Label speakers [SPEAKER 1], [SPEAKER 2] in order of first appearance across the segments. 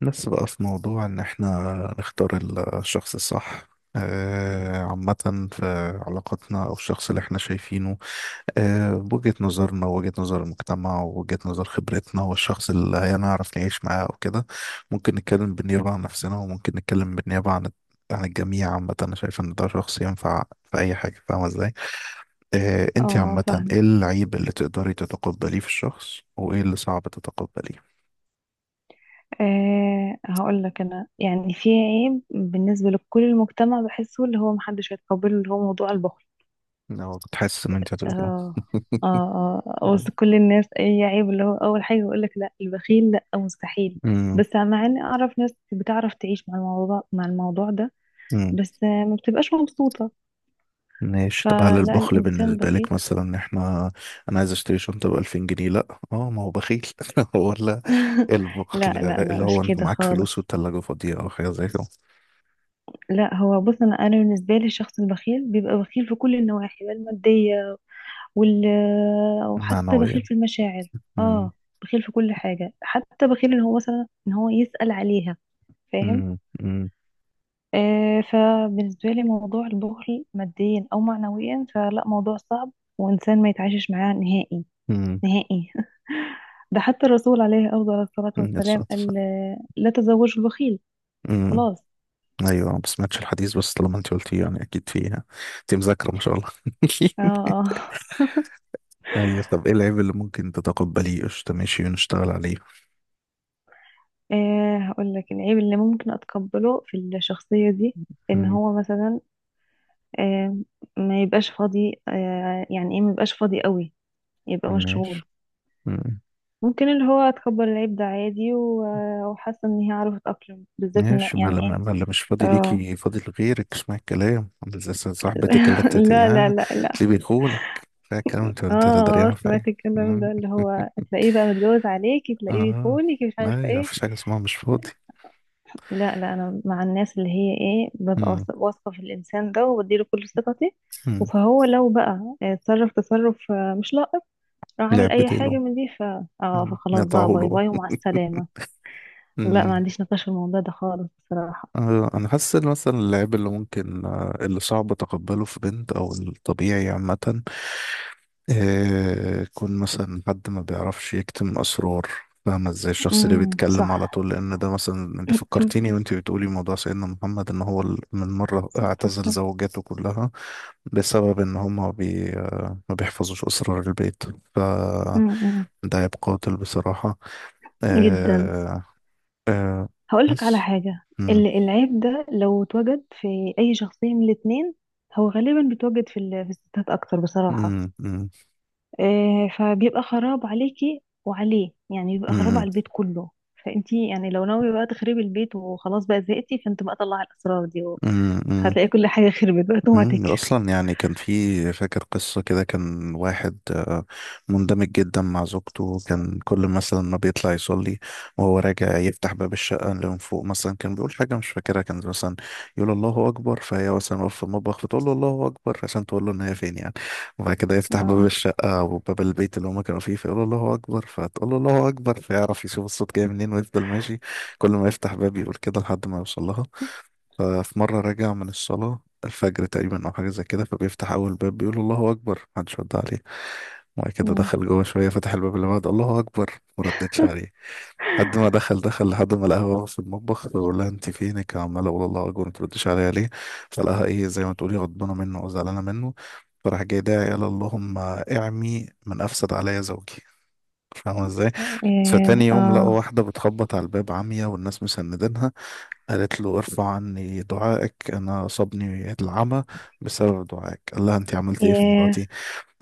[SPEAKER 1] بس بقى في موضوع ان احنا نختار الشخص الصح، عامة في علاقتنا او الشخص اللي احنا شايفينه، بوجهة نظرنا ووجهة نظر المجتمع ووجهة نظر خبرتنا والشخص اللي هنعرف نعيش معاه او كده. ممكن نتكلم بالنيابة عن نفسنا وممكن نتكلم بالنيابة عن الجميع. عامة أنا شايف إن ده شخص ينفع في أي حاجة، فاهمة إزاي؟
[SPEAKER 2] اه،
[SPEAKER 1] أنت عامة
[SPEAKER 2] فاهم.
[SPEAKER 1] إيه العيب اللي تقدري تتقبليه في الشخص وإيه اللي صعب تتقبليه؟
[SPEAKER 2] هقول لك انا يعني في عيب بالنسبه لكل المجتمع بحسه اللي هو محدش هيتقبله اللي هو موضوع البخل.
[SPEAKER 1] لو تحس إن أنت هتقولي
[SPEAKER 2] اه، اه، اه، وسط كل الناس اي عيب اللي هو اول حاجه يقول لك لا البخيل لا مستحيل.
[SPEAKER 1] كده.
[SPEAKER 2] بس مع اني اعرف ناس بتعرف تعيش مع الموضوع ده.
[SPEAKER 1] مم.
[SPEAKER 2] بس ما بتبقاش مبسوطه.
[SPEAKER 1] ماشي، طب هل
[SPEAKER 2] فلا
[SPEAKER 1] البخل
[SPEAKER 2] الانسان
[SPEAKER 1] بالنسبة لك
[SPEAKER 2] بخيل.
[SPEAKER 1] مثلا ان احنا، انا عايز اشتري شنطة ب 2000 جنيه لا اه ما هو بخيل ولا
[SPEAKER 2] لا،
[SPEAKER 1] البخل
[SPEAKER 2] لا، لا،
[SPEAKER 1] اللي
[SPEAKER 2] مش
[SPEAKER 1] هو انت
[SPEAKER 2] كده
[SPEAKER 1] معاك فلوس
[SPEAKER 2] خالص.
[SPEAKER 1] والتلاجة فاضية او حاجة زي كده؟
[SPEAKER 2] لا، هو بص، انا بالنسبه لي الشخص البخيل بيبقى بخيل في كل النواحي بقى الماديه وال آه، وحتى بخيل
[SPEAKER 1] معنوية.
[SPEAKER 2] في المشاعر.
[SPEAKER 1] مم.
[SPEAKER 2] اه، بخيل في كل حاجة حتى بخيل ان هو مثلا ان هو يسأل عليها. فاهم.
[SPEAKER 1] مم. مم.
[SPEAKER 2] فبالنسبة لي موضوع البخل ماديا او معنويا فلا موضوع صعب، وانسان ما يتعايشش معاه نهائي.
[SPEAKER 1] مم.
[SPEAKER 2] نهائي. ده حتى الرسول عليه افضل الصلاة
[SPEAKER 1] مم. يا
[SPEAKER 2] والسلام
[SPEAKER 1] ساتر.
[SPEAKER 2] قال لا تزوجوا البخيل.
[SPEAKER 1] مم.
[SPEAKER 2] خلاص.
[SPEAKER 1] ايوه، ما سمعتش الحديث بس طالما انت قلتيه يعني اكيد فيها. انت مذاكرة ما شاء الله
[SPEAKER 2] اه، اه.
[SPEAKER 1] ايوه طب ايه العيب اللي ممكن تتقبليه؟ قشطة ماشي ونشتغل عليه.
[SPEAKER 2] هقول لك العيب اللي ممكن اتقبله في الشخصية دي ان
[SPEAKER 1] مم.
[SPEAKER 2] هو مثلا آه، ما يبقاش فاضي، يعني ايه، ما يبقاش فاضي قوي، يبقى
[SPEAKER 1] ماشي،
[SPEAKER 2] مشغول. ممكن اللي هو اتقبل العيب ده عادي، وحاسه ان هي عرفت اتأقلم بالذات ان
[SPEAKER 1] ماشي ما
[SPEAKER 2] يعني ايه.
[SPEAKER 1] لما ما لما مش فاضي
[SPEAKER 2] اه.
[SPEAKER 1] ليكي فاضي لغيرك، اسمع الكلام زي صاحبتك اللي انت
[SPEAKER 2] لا، لا،
[SPEAKER 1] تلاقيه
[SPEAKER 2] لا، لا.
[SPEAKER 1] بيخونك، فاهم الكلام؟ انت
[SPEAKER 2] اه،
[SPEAKER 1] انت لا دريانة في
[SPEAKER 2] سمعت
[SPEAKER 1] حاجة.
[SPEAKER 2] الكلام
[SPEAKER 1] مم.
[SPEAKER 2] ده اللي هو تلاقيه بقى متجوز عليكي، تلاقيه
[SPEAKER 1] اه.
[SPEAKER 2] بيخونك، مش عارفه
[SPEAKER 1] لا يا،
[SPEAKER 2] ايه.
[SPEAKER 1] مفيش حاجة اسمها مش فاضي.
[SPEAKER 2] لا، لا، انا مع الناس اللي هي ايه، ببقى
[SPEAKER 1] مم.
[SPEAKER 2] واثقه في الانسان ده وبديله كل ثقتي.
[SPEAKER 1] مم.
[SPEAKER 2] فهو لو بقى تصرف مش لائق، راح اعمل
[SPEAKER 1] لعب
[SPEAKER 2] اي
[SPEAKER 1] بديله.
[SPEAKER 2] حاجه من دي. ف اه
[SPEAKER 1] مم.
[SPEAKER 2] فخلاص
[SPEAKER 1] نقطعه
[SPEAKER 2] بقى،
[SPEAKER 1] له
[SPEAKER 2] باي باي
[SPEAKER 1] بقى.
[SPEAKER 2] ومع السلامه. لا، ما
[SPEAKER 1] مم.
[SPEAKER 2] عنديش نقاش في الموضوع ده خالص بصراحه.
[SPEAKER 1] انا حاسس ان مثلا اللعب اللي ممكن، اللي صعب تقبله في بنت او الطبيعي عامة، إيه؟ كون مثلا حد ما بيعرفش يكتم أسرار، فاهمة ازاي؟ الشخص اللي بيتكلم على
[SPEAKER 2] صح.
[SPEAKER 1] طول، لأن ده مثلا اللي فكرتيني وانت بتقولي موضوع سيدنا محمد، إن هو من مرة
[SPEAKER 2] صبر
[SPEAKER 1] اعتزل
[SPEAKER 2] وسلام.
[SPEAKER 1] زوجاته كلها بسبب إن هما بي آه، ما بيحفظوش أسرار البيت. ف
[SPEAKER 2] أمم،
[SPEAKER 1] ده عيب قاتل بصراحة.
[SPEAKER 2] جدا.
[SPEAKER 1] إيه
[SPEAKER 2] هقول لك على
[SPEAKER 1] بس.
[SPEAKER 2] حاجه،
[SPEAKER 1] مم.
[SPEAKER 2] العيب ده لو اتوجد في اي شخصيه من الاتنين، هو غالبا بيتوجد في في الستات اكتر بصراحه.
[SPEAKER 1] مم. مم.
[SPEAKER 2] فبيبقى خراب عليكي وعليه، يعني بيبقى خراب على
[SPEAKER 1] مم.
[SPEAKER 2] البيت كله. فانتي يعني لو ناويه بقى تخربي البيت وخلاص بقى زهقتي، فانت بقى طلعي الاسرار دي،
[SPEAKER 1] مم. مم.
[SPEAKER 2] هتلاقي كل حاجة خربت بقى اوتوماتيك.
[SPEAKER 1] مم، اصلا يعني كان في، فاكر قصه كده، كان واحد مندمج جدا مع زوجته، كان كل مثلا ما بيطلع يصلي وهو راجع يفتح باب الشقه اللي من فوق مثلا، كان بيقول حاجه مش فاكرها، كان مثلا يقول الله اكبر، فهي مثلا واقفه في المطبخ فتقول له الله اكبر عشان تقول له ان هي فين يعني. وبعد كده يفتح باب
[SPEAKER 2] اه.
[SPEAKER 1] الشقه او باب البيت اللي هما كانوا فيه فيقول له الله اكبر فتقول له الله اكبر فيعرف يشوف الصوت جاي منين ويفضل ماشي. كل ما يفتح باب يقول كده لحد ما يوصل لها. ففي مرة راجع من الصلاة الفجر تقريبا أو حاجة زي كده، فبيفتح أول باب بيقول الله أكبر، محدش رد عليه. وبعد كده
[SPEAKER 2] مم.
[SPEAKER 1] دخل جوه شوية فتح الباب اللي بعده، الله أكبر، مردتش عليه. لحد ما دخل لحد ما لقاها واقفة في المطبخ، بيقول لها أنت فينك عمالة أقول الله أكبر متردش عليا ليه؟ فلقاها إيه، زي ما تقولي غضبانة منه أو زعلانة منه. فراح جاي داعي قال اللهم اعمي من أفسد عليا زوجي. فاهمة ازاي؟ فتاني
[SPEAKER 2] ايه.
[SPEAKER 1] يوم لقوا
[SPEAKER 2] اه.
[SPEAKER 1] واحدة بتخبط على الباب عمية والناس مسندينها، قالت له ارفع عني دعائك انا اصابني العمى بسبب دعائك. قال لها انت عملت ايه في
[SPEAKER 2] ايه.
[SPEAKER 1] مراتي؟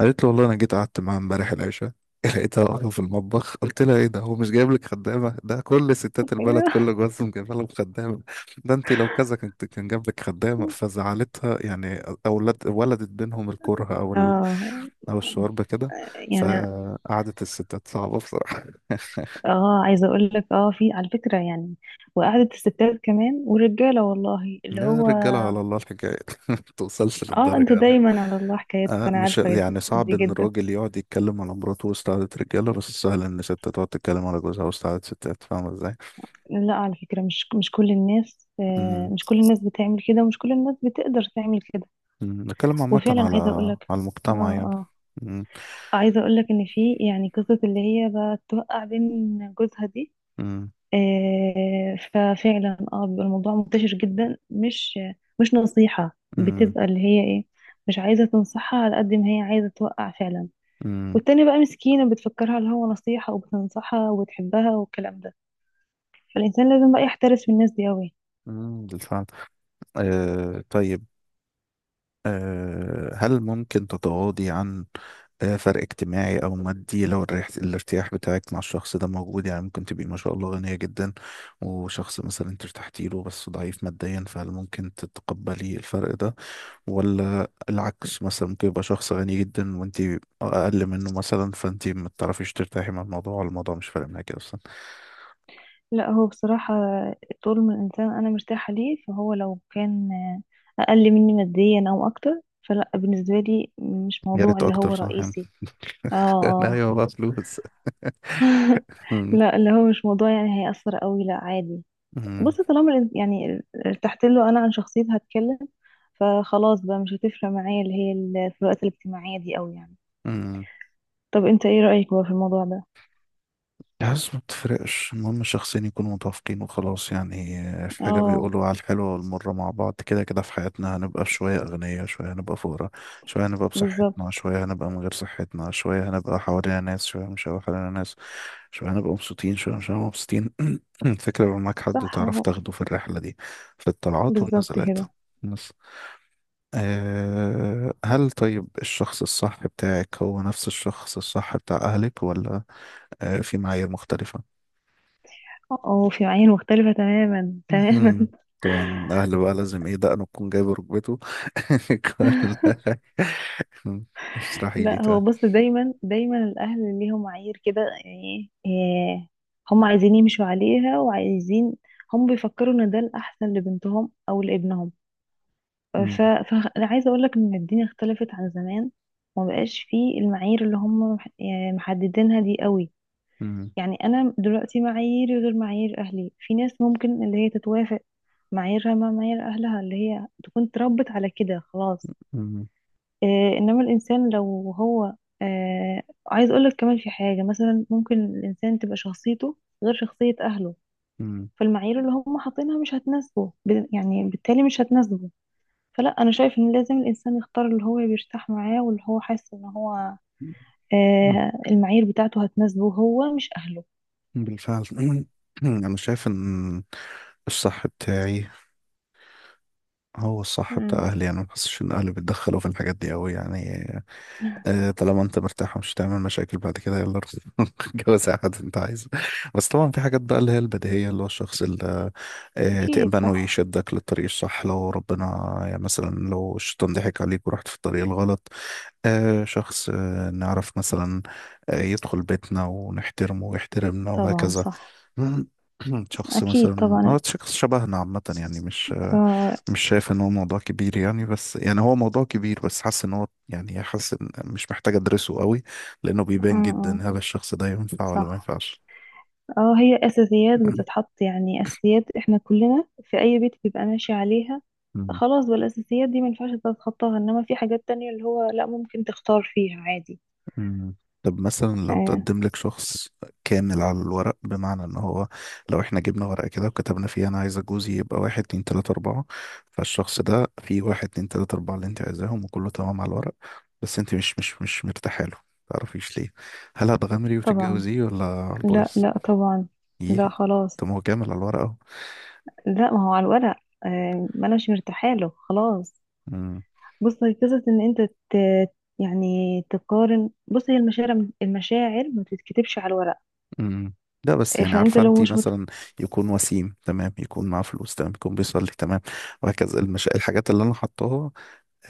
[SPEAKER 1] قالت له والله انا جيت قعدت معاها امبارح العشاء لقيتها واقفه في المطبخ قلت لها ايه ده، هو مش جايب لك خدامه؟ ده كل ستات البلد كل جوازهم جايبه لهم خدامه. ده انت لو كذا كنت كان جاب لك خدامه. فزعلتها يعني، اولاد ولدت بينهم الكره، او
[SPEAKER 2] اه.
[SPEAKER 1] او الشوربه كده.
[SPEAKER 2] يعني.
[SPEAKER 1] فقعدت الستات صعبه بصراحه
[SPEAKER 2] اه، عايزة اقول لك، في على فكرة يعني، وقعدة الستات كمان والرجالة، والله اللي
[SPEAKER 1] يا
[SPEAKER 2] هو.
[SPEAKER 1] رجاله على الله الحكايه ما توصلش
[SPEAKER 2] اه،
[SPEAKER 1] للدرجه
[SPEAKER 2] انتوا
[SPEAKER 1] يعني.
[SPEAKER 2] دايما على الله حكايتكم،
[SPEAKER 1] آه
[SPEAKER 2] انا
[SPEAKER 1] مش
[SPEAKER 2] عارفة
[SPEAKER 1] يعني صعب
[SPEAKER 2] دي
[SPEAKER 1] ان
[SPEAKER 2] جدا.
[SPEAKER 1] الراجل يقعد يتكلم على مراته وسط قعدة رجاله، بس سهل ان ست تقعد تتكلم على جوزها وسط قعدة ستات، فاهمه ازاي؟
[SPEAKER 2] لا، على فكرة، مش كل الناس،
[SPEAKER 1] امم.
[SPEAKER 2] مش كل الناس بتعمل كده، ومش كل الناس بتقدر تعمل كده.
[SPEAKER 1] أمم، نتكلم عامه
[SPEAKER 2] وفعلا
[SPEAKER 1] على
[SPEAKER 2] عايزة اقول لك،
[SPEAKER 1] على المجتمع يعني.
[SPEAKER 2] اه
[SPEAKER 1] امم.
[SPEAKER 2] عايزة اقولك ان في يعني قصة اللي هي بقى توقع بين جوزها دي.
[SPEAKER 1] امم.
[SPEAKER 2] ففعلا بيبقى الموضوع منتشر جدا، مش نصيحة
[SPEAKER 1] امم.
[SPEAKER 2] بتبقى اللي هي ايه، مش عايزة تنصحها على قد ما هي عايزة توقع فعلا.
[SPEAKER 1] امم.
[SPEAKER 2] والتانية بقى مسكينة، بتفكرها اللي هو نصيحة، وبتنصحها وبتحبها والكلام ده. فالإنسان لازم بقى يحترس من الناس دي أوي.
[SPEAKER 1] أمم، بالفعل. آه طيب. هل ممكن تتغاضي عن فرق اجتماعي او مادي لو الارتياح بتاعك مع الشخص ده موجود؟ يعني ممكن تبقي ما شاء الله غنية جدا وشخص مثلا انت ارتحتي له بس ضعيف ماديا، فهل ممكن تتقبلي الفرق ده؟ ولا العكس، مثلا ممكن يبقى شخص غني جدا وانت اقل منه مثلا، فانت ما تعرفيش ترتاحي مع الموضوع، ولا الموضوع مش فارق معاكي اصلا؟
[SPEAKER 2] لا، هو بصراحة طول ما الإنسان أنا مرتاحة ليه، فهو لو كان أقل مني ماديا أو أكتر فلا بالنسبة لي مش
[SPEAKER 1] يا
[SPEAKER 2] موضوع
[SPEAKER 1] ريت
[SPEAKER 2] اللي هو
[SPEAKER 1] اكتر صح
[SPEAKER 2] رئيسي. اه.
[SPEAKER 1] يعني
[SPEAKER 2] اه.
[SPEAKER 1] ايوه بقى فلوس. مم.
[SPEAKER 2] لا، اللي هو مش موضوع يعني هيأثر قوي، لا، عادي.
[SPEAKER 1] مم.
[SPEAKER 2] بص، طالما يعني ارتحت له أنا، عن شخصيتي هتكلم، فخلاص بقى مش هتفرق معايا اللي هي الفروقات الاجتماعية دي قوي يعني.
[SPEAKER 1] مم.
[SPEAKER 2] طب أنت إيه رأيك بقى في الموضوع ده؟
[SPEAKER 1] الحاسس ما بتفرقش، المهم شخصين يكونوا متوافقين وخلاص يعني. في حاجة
[SPEAKER 2] اه.
[SPEAKER 1] بيقولوا على الحلوة والمرة مع بعض، كده كده في حياتنا هنبقى في شوية أغنياء شوية هنبقى فقراء، شوية هنبقى بصحتنا
[SPEAKER 2] بالظبط.
[SPEAKER 1] شوية هنبقى من غير صحتنا، شوية هنبقى حوالينا ناس شوية مش هنبقى حوالينا ناس، شوية هنبقى مبسوطين شوية مش هنبقى مبسوطين. الفكرة يبقى معاك حد
[SPEAKER 2] صح
[SPEAKER 1] تعرف
[SPEAKER 2] اهو.
[SPEAKER 1] تاخده في الرحلة دي، في الطلعات
[SPEAKER 2] بالظبط
[SPEAKER 1] والنزلات
[SPEAKER 2] كده.
[SPEAKER 1] بس. أه هل، طيب الشخص الصح بتاعك هو نفس الشخص الصح بتاع أهلك، ولا أه في معايير مختلفة؟
[SPEAKER 2] اه، في معايير مختلفة تماما. تماما.
[SPEAKER 1] مهم. طبعا الاهل بقى لازم ايه، دقنه تكون جايبه ركبته كل حاجة. اشرحي لي
[SPEAKER 2] لا، هو
[SPEAKER 1] تعالى.
[SPEAKER 2] بص، دايما دايما الاهل ليهم معايير كده يعني إيه، هم عايزين يمشوا عليها، وعايزين، هم بيفكروا ان ده الاحسن لبنتهم او لابنهم.
[SPEAKER 1] مم.
[SPEAKER 2] فانا عايزه اقول لك ان الدنيا اختلفت عن زمان، وما بقاش فيه المعايير اللي هم يعني محددينها دي قوي.
[SPEAKER 1] مم.
[SPEAKER 2] يعني انا دلوقتي معاييري غير معايير اهلي، في ناس ممكن اللي هي تتوافق معاييرها مع معايير اهلها، اللي هي تكون اتربت على كده، خلاص.
[SPEAKER 1] مم.
[SPEAKER 2] انما الانسان لو هو، عايز اقولك كمان، في حاجه مثلا ممكن الانسان تبقى شخصيته غير شخصيه اهله،
[SPEAKER 1] مم.
[SPEAKER 2] فالمعايير اللي هم حاطينها مش هتناسبه، يعني بالتالي مش هتناسبه. فلا انا شايف ان لازم الانسان يختار اللي هو بيرتاح معاه، واللي هو حاسس ان هو
[SPEAKER 1] مم.
[SPEAKER 2] المعايير بتاعته هتناسبه، هو مش اهله.
[SPEAKER 1] بالفعل. مم. انا شايف ان الصح بتاعي هو الصح بتاع
[SPEAKER 2] مم.
[SPEAKER 1] اهلي. انا ما بحسش ان اهلي بيتدخلوا في الحاجات دي قوي يعني. طالما انت مرتاح ومش هتعمل مشاكل بعد كده، يلا روح جوز اي حد انت عايزه. بس طبعا في حاجات بقى اللي هي البديهيه، اللي هو الشخص اللي
[SPEAKER 2] اكيد
[SPEAKER 1] تأمنه
[SPEAKER 2] صح.
[SPEAKER 1] يشدك للطريق الصح لو ربنا، يعني مثلا لو الشيطان ضحك عليك ورحت في الطريق الغلط. شخص نعرف مثلا، يدخل بيتنا ونحترمه ويحترمنا
[SPEAKER 2] طبعا
[SPEAKER 1] وهكذا.
[SPEAKER 2] صح.
[SPEAKER 1] شخص
[SPEAKER 2] اكيد
[SPEAKER 1] مثلا،
[SPEAKER 2] طبعا.
[SPEAKER 1] اه شخص شبهنا عامة يعني. مش
[SPEAKER 2] آه،
[SPEAKER 1] مش شايف ان هو موضوع كبير يعني، بس يعني هو موضوع كبير، بس حاسس ان هو يعني حاسس إن مش محتاج ادرسه قوي، لانه
[SPEAKER 2] آه،
[SPEAKER 1] بيبان
[SPEAKER 2] آه،
[SPEAKER 1] جدا هل الشخص ده ينفع ولا ما
[SPEAKER 2] صح.
[SPEAKER 1] ينفعش.
[SPEAKER 2] اه، هي اساسيات بتتحط، يعني اساسيات احنا كلنا في اي بيت بيبقى ماشي عليها.
[SPEAKER 1] مم.
[SPEAKER 2] خلاص بقى الاساسيات دي ما ينفعش تتخطاها، انما في حاجات تانية اللي هو لا، ممكن تختار فيها عادي.
[SPEAKER 1] مم. طب مثلا لو
[SPEAKER 2] آه،
[SPEAKER 1] تقدم لك شخص كامل على الورق، بمعنى ان هو، لو احنا جبنا ورقة كده وكتبنا فيها انا عايزة جوزي يبقى واحد اتنين تلاتة اربعة، فالشخص ده فيه واحد اتنين تلاتة اربعة اللي انت عايزاهم وكله تمام على الورق، بس انت مش مرتاحة له، متعرفيش ليه، هل هتغامري
[SPEAKER 2] طبعا.
[SPEAKER 1] وتتجوزيه ولا على
[SPEAKER 2] لا،
[SPEAKER 1] البايظ؟
[SPEAKER 2] لا، طبعا. لا،
[SPEAKER 1] ايه؟
[SPEAKER 2] خلاص.
[SPEAKER 1] طب ما هو كامل على الورق اهو.
[SPEAKER 2] لا، ما هو على الورق. ما انا مش مرتاحه له خلاص.
[SPEAKER 1] مم.
[SPEAKER 2] بص، هي قصه ان انت يعني تقارن. بص، هي المشاعر، المشاعر ما تتكتبش على الورق.
[SPEAKER 1] مم. لا بس يعني،
[SPEAKER 2] فانت
[SPEAKER 1] عارفه
[SPEAKER 2] لو
[SPEAKER 1] انت
[SPEAKER 2] مش
[SPEAKER 1] مثلا يكون وسيم تمام يكون معاه فلوس تمام يكون بيصلي تمام وهكذا، الحاجات اللي انا حطاها،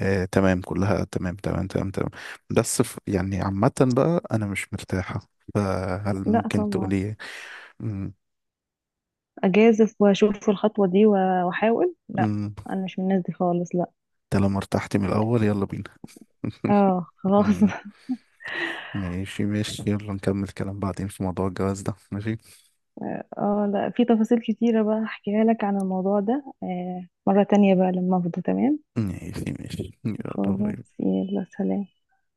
[SPEAKER 1] آه تمام كلها تمام تمام تمام تمام، بس يعني عامه بقى انا مش مرتاحه، هل
[SPEAKER 2] لا
[SPEAKER 1] ممكن
[SPEAKER 2] طبعا،
[SPEAKER 1] تقولي إيه؟ مم.
[SPEAKER 2] اجازف واشوف الخطوه دي واحاول. لا،
[SPEAKER 1] مم.
[SPEAKER 2] انا مش من الناس دي خالص، لا.
[SPEAKER 1] انت لما ارتحت من الاول يلا بينا
[SPEAKER 2] اه، خلاص.
[SPEAKER 1] مم. ماشي ماشي، يلا نكمل كلام بعدين في موضوع الجواز ده. ماشي
[SPEAKER 2] اه، لا، في تفاصيل كتيره بقى احكيها لك عن الموضوع ده، مره تانية بقى لما افضى تمام.
[SPEAKER 1] ماشي ماشي، يلا
[SPEAKER 2] خلاص،
[SPEAKER 1] باي.
[SPEAKER 2] يلا سلام.